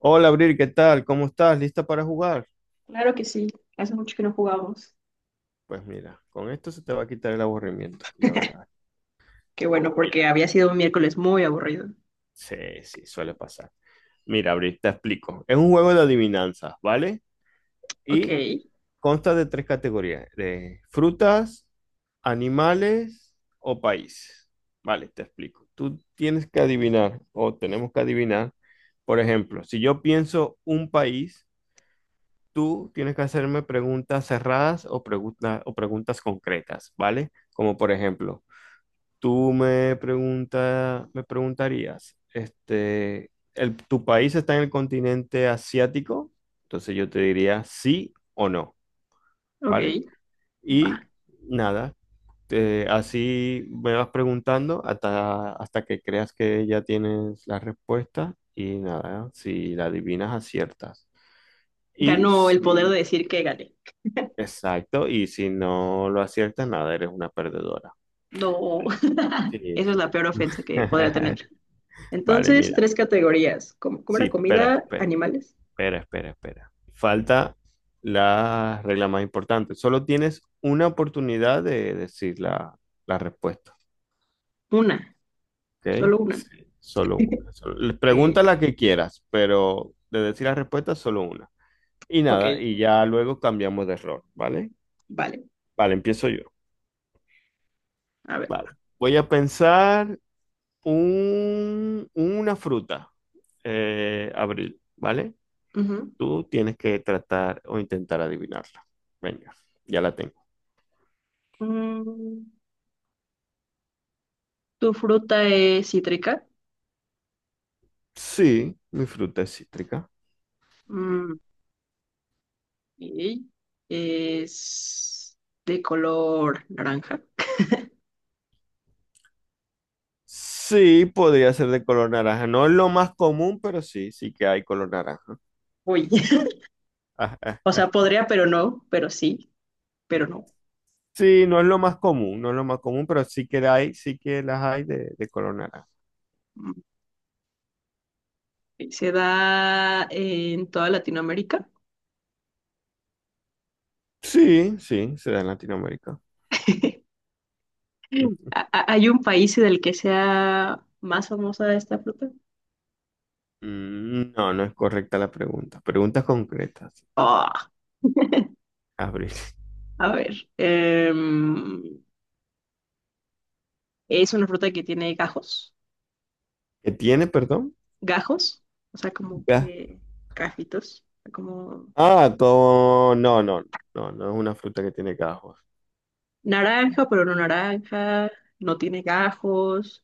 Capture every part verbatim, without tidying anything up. Hola, Abril, ¿qué tal? ¿Cómo estás? ¿Lista para jugar? Claro que sí, hace mucho que no jugamos. Pues mira, con esto se te va a quitar el aburrimiento, ya verás. Qué bueno, porque Mira, había sido un miércoles muy aburrido. sí, sí, suele pasar. Mira, Abril, te explico. Es un juego de adivinanzas, ¿vale? Ok, Y consta de tres categorías, de frutas, animales o países. Vale, te explico. Tú tienes que adivinar o tenemos que adivinar, por ejemplo, si yo pienso un país. Tú tienes que hacerme preguntas cerradas o, pregunta- o preguntas concretas, ¿vale? Como por ejemplo, tú me pregunta, me preguntarías, este, el- ¿tu país está en el continente asiático? Entonces yo te diría sí o no, ok, ¿vale? Y va. nada, te- así me vas preguntando hasta, hasta que creas que ya tienes la respuesta y nada, si la adivinas, aciertas. Y Ganó el poder de si... decir que gané. Exacto, y si no lo aciertas, nada, eres una perdedora. No, Vale. Sí, sí, eso es sí. la peor ofensa que podría tener. Vale, Entonces, mira. tres categorías. ¿Cómo, cómo Sí, era espera, comida, espera, animales? espera, espera, espera. Falta la regla más importante. Solo tienes una oportunidad de decir la, la respuesta, Una, ¿ok? solo una. Sí. Solo una. solo- le- Pregunta Ok, la que quieras, pero de decir la respuesta, solo una. Y ok, nada, y ya luego cambiamos de error, ¿vale? vale. Vale, empiezo yo. A ver. Vale. Voy a pensar un- una fruta, eh, Abril, ¿vale? Ujú. Tú tienes que tratar o intentar adivinarla. Venga, ya la tengo. Mm, ¿Tu fruta es cítrica? Sí, mi fruta es cítrica. Mm, ok. ¿Es de color naranja? Sí, podría ser de color naranja. No es lo más común, pero sí, sí que hay color naranja. Uy, o Ajá. sea, podría, pero no, pero sí, pero no. Sí, no es lo más común, no es lo más común, pero sí que hay, sí que las hay de, de color naranja. Mm. Se da en toda Latinoamérica. Sí, sí, se da en Latinoamérica. Ujú. ¿Ha- ha- Hay un país del que sea más famosa esta fruta? Mm, No, no es correcta la pregunta. Preguntas concretas. Ah, Abril. a ver, em, es una fruta que tiene gajos, ¿Qué tiene, perdón? gajos, o sea, como Ga- que gajitos, como Ah, con... No, no, no, no es una fruta que tiene gajos. naranja, pero no naranja, no tiene gajos.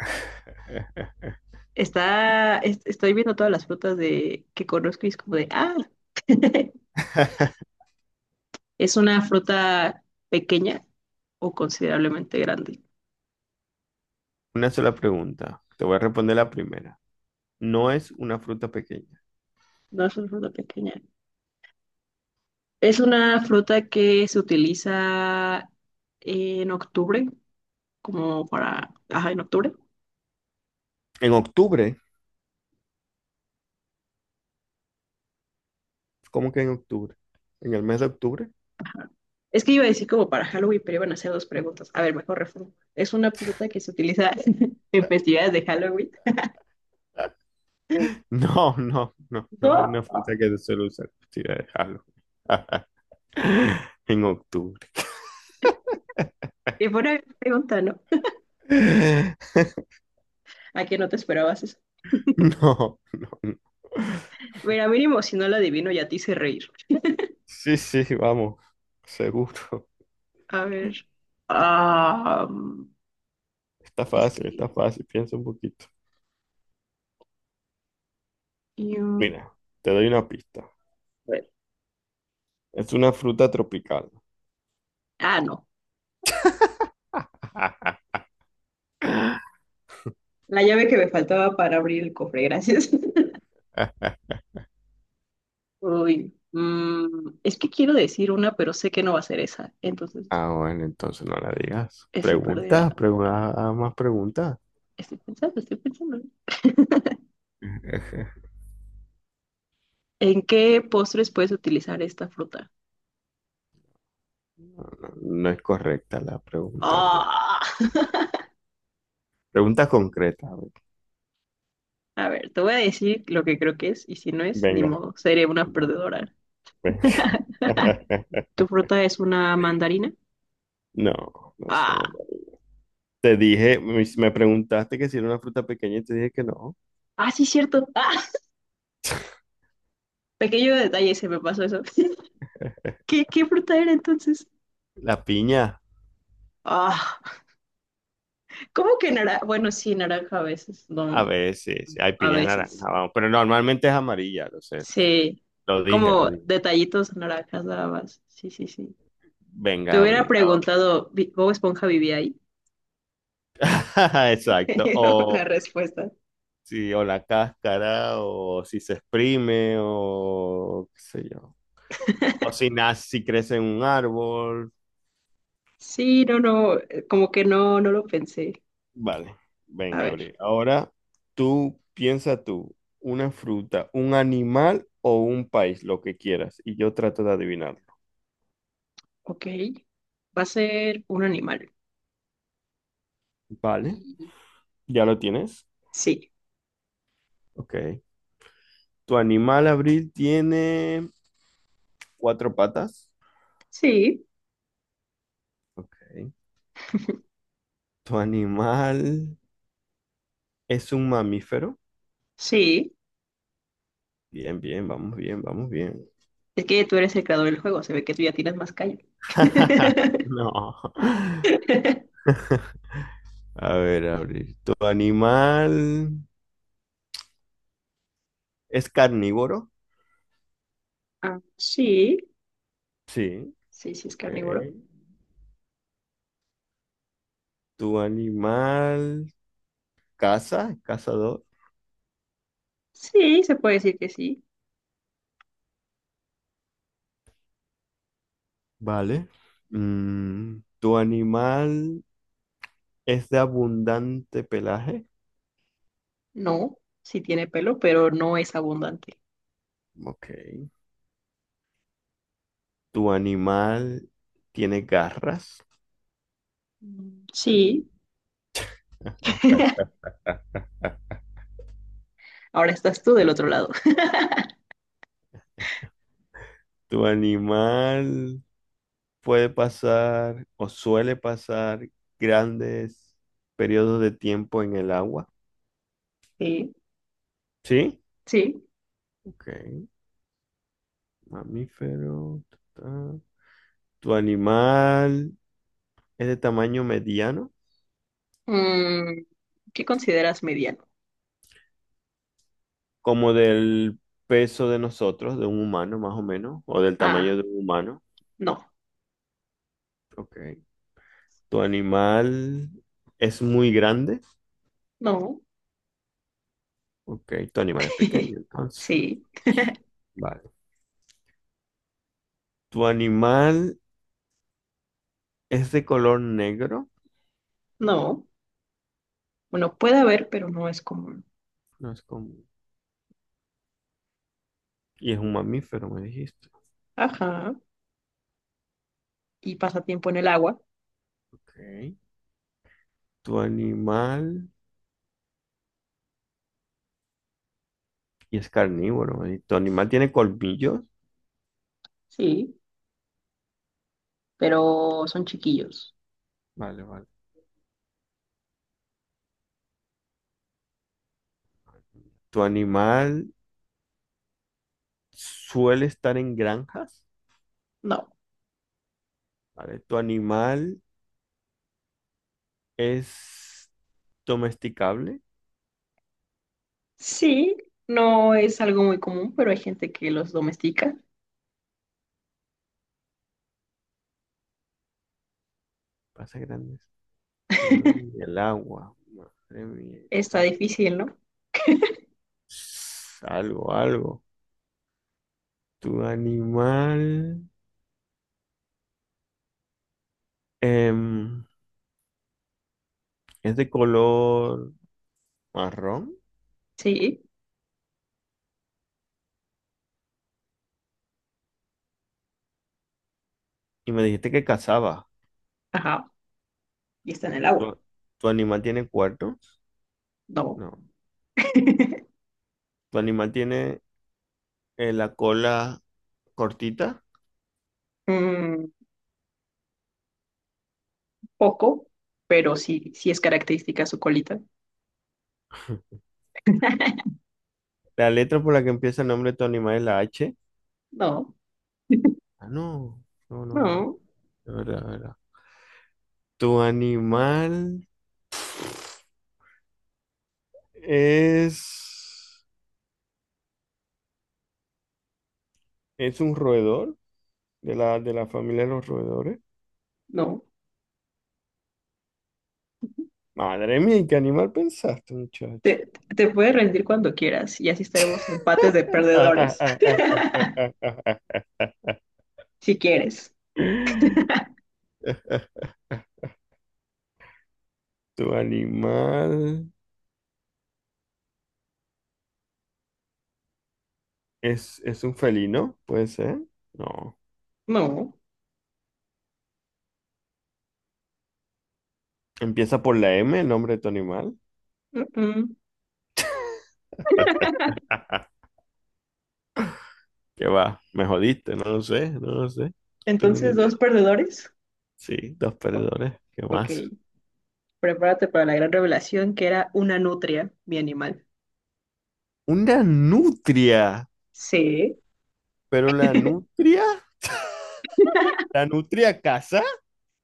Está, es- estoy viendo todas las frutas de, que conozco y es como de, ah, es una fruta pequeña o considerablemente grande. Una sola pregunta. Te voy a responder la primera. No es una fruta pequeña. No es una fruta pequeña. Es una fruta que se utiliza en octubre, como para, ajá, en octubre. En octubre, ¿cómo que en octubre? ¿En el mes de octubre? Es que iba a decir como para Halloween, pero iban a hacer dos preguntas. A ver, mejor reformulo. ¿Es una fruta que se utiliza en festividades de Halloween? No, no, no, no, No, una fruta que se suele usar. Sí, déjalo. En octubre. y buena pregunta, ¿no? ¿A qué no te esperabas eso? No, no, no. Mira, mínimo si no la adivino ya te hice reír. Sí, sí, vamos, seguro. A ver. Ah, Está es fácil, está que. fácil, piensa un poquito. mm, Mira, te doy una pista. a ver. Es una fruta tropical. Ah, no. La llave que me faltaba para abrir el cofre, gracias. Uy. mm, es que quiero decir una, pero sé que no va a ser esa. Entonces, Ah, bueno, entonces no la digas. estoy perdida. Pregunta, Ah, pregunta, ah, más preguntas. Estoy pensando, estoy pensando. ¿En qué postres puedes utilizar esta fruta? No, no, no es correcta la pregunta, Abril. Ah. Pregunta concreta, Abril. A ver, te voy a decir lo que creo que es, y si no es, ni Venga, modo, seré una perdedora. venga. ¿Tu fruta es una mandarina? No, no es una Ah, buena. Te dije, me me preguntaste que si era una fruta pequeña y te dije que no. ah, sí, cierto. Ah, pequeño detalle, se me pasó eso. ¿Qué, qué fruta era entonces? La piña. Ah, ¿cómo que naranja? Bueno, sí, naranja a veces, A no, ver, sí, sí, hay a piña naranja, veces. vamos. Pero normalmente es amarilla, lo sé. Sí, Lo dije, lo como dije. detallitos naranjas nada más. Sí, sí, sí. Te Venga, hubiera abrigado. preguntado, ¿vi- ¿Bob Esponja vivía ahí? Exacto. Tenido la O respuesta. sí, o la cáscara, o si se exprime, o qué sé yo. O si nace, si crece en un árbol. Sí, no, no, eh, como que no, no lo pensé. Vale, A venga, ver, abrigado. Ahora, tú piensa tú, una fruta, un animal o un país, lo que quieras. Y yo trato de adivinarlo. ok. Va a ser un animal. Vale, Y- ¿ya lo tienes? Sí, Ok. Tu animal, Abril, tiene... cuatro patas. sí, Ok. ¿Tu animal es un mamífero? sí. Bien, bien, vamos bien, vamos bien. Es que tú eres el creador del juego, se ve que tú ya tienes más callo. No. A ver, abrir. ¿Tu animal es carnívoro? Ah, sí, Sí. sí, sí es Ok. carnívoro. ¿Tu animal caza? ¿Cazador? Sí, se puede decir que sí. Vale. Mm, ¿tu animal es de abundante pelaje? No, sí tiene pelo, pero no es abundante. Ok. ¿Tu animal tiene garras? Mm, Sí. Ahora estás tú del otro lado. ¿Tu animal puede pasar o suele pasar grandes periodos de tiempo en el agua? Sí, ¿Sí? sí. Ok. Mamífero. Ta, ta. ¿Tu animal es de tamaño mediano? Mm, ¿qué consideras mediano? Como del peso de nosotros, de un humano más o menos, o del tamaño Ah, de un humano. no, Ok. ¿Tu animal es muy grande? no. Ok. Tu animal es pequeño, entonces. Sí, Vale. ¿Tu animal es de color negro? no. Bueno, puede haber, pero no es común. No es común. Y es un mamífero, me dijiste. Ajá. ¿Y pasa tiempo en el agua? Ok. Tu animal, y es carnívoro, ¿eh? Tu animal tiene colmillos. Sí, pero son chiquillos. Vale, vale. Tu animal suele estar en granjas, No. ¿vale? Tu animal es domesticable. Sí, no es algo muy común, pero hay gente que los domestica. Pasa grandes periodos en el agua. Madre mía, es Está carne. difícil, ¿no? Algo, algo. Tu animal em, es de color marrón Sí, y me dijiste que cazaba. ajá. Y está en el agua. ¿Tu, ¿Tu animal tiene cuernos? No. No. Tu animal tiene eh, la cola cortita. Mm, poco, pero sí, sí es característica su colita. La letra por la que empieza el nombre de tu animal es la H. No, Ah, no. No, no, no, no. no, De verdad, de verdad. Tu animal es. Es un roedor de la, de la familia de los roedores. no. Madre mía, ¿y qué animal pensaste, muchacho? Te, te puedes rendir cuando quieras y así estaremos empates de perdedores, si quieres. Tu animal es, es un felino, puede ser. No. No. Empieza por la M, el nombre de tu animal. mm, mm. ¿Qué va? ¿Me jodiste? No lo sé, no lo sé. No tengo ni Entonces, idea. dos perdedores. Sí, dos O- perdedores. ¿Qué ok. más? Prepárate para la gran revelación que era una nutria, mi animal. Una nutria. Sí. ¿Pero la nutria? ¿La nutria casa?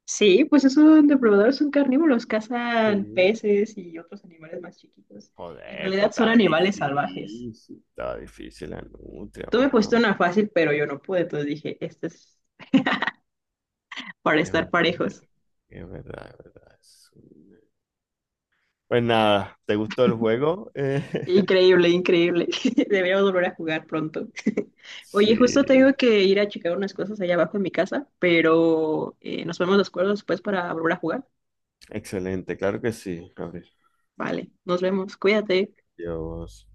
Sí, pues esos depredadores son carnívoros, cazan Sí. peces y otros animales más chiquitos. En Joder, pero realidad son estaba animales salvajes. difícil. Estaba difícil la nutria, Tú me pusiste va. una fácil, pero yo no pude, entonces dije, este es para Es estar verdad, parejos. es verdad, es verdad. Sí. Pues nada, ¿te gustó el juego? Eh, Increíble, increíble. Deberíamos volver a jugar pronto. Oye, justo tengo sí. que ir a checar unas cosas allá abajo en mi casa, pero eh, nos vemos de acuerdo después para volver a jugar. Excelente, claro que sí, Gabriel. Vale, nos vemos, cuídate. Dios.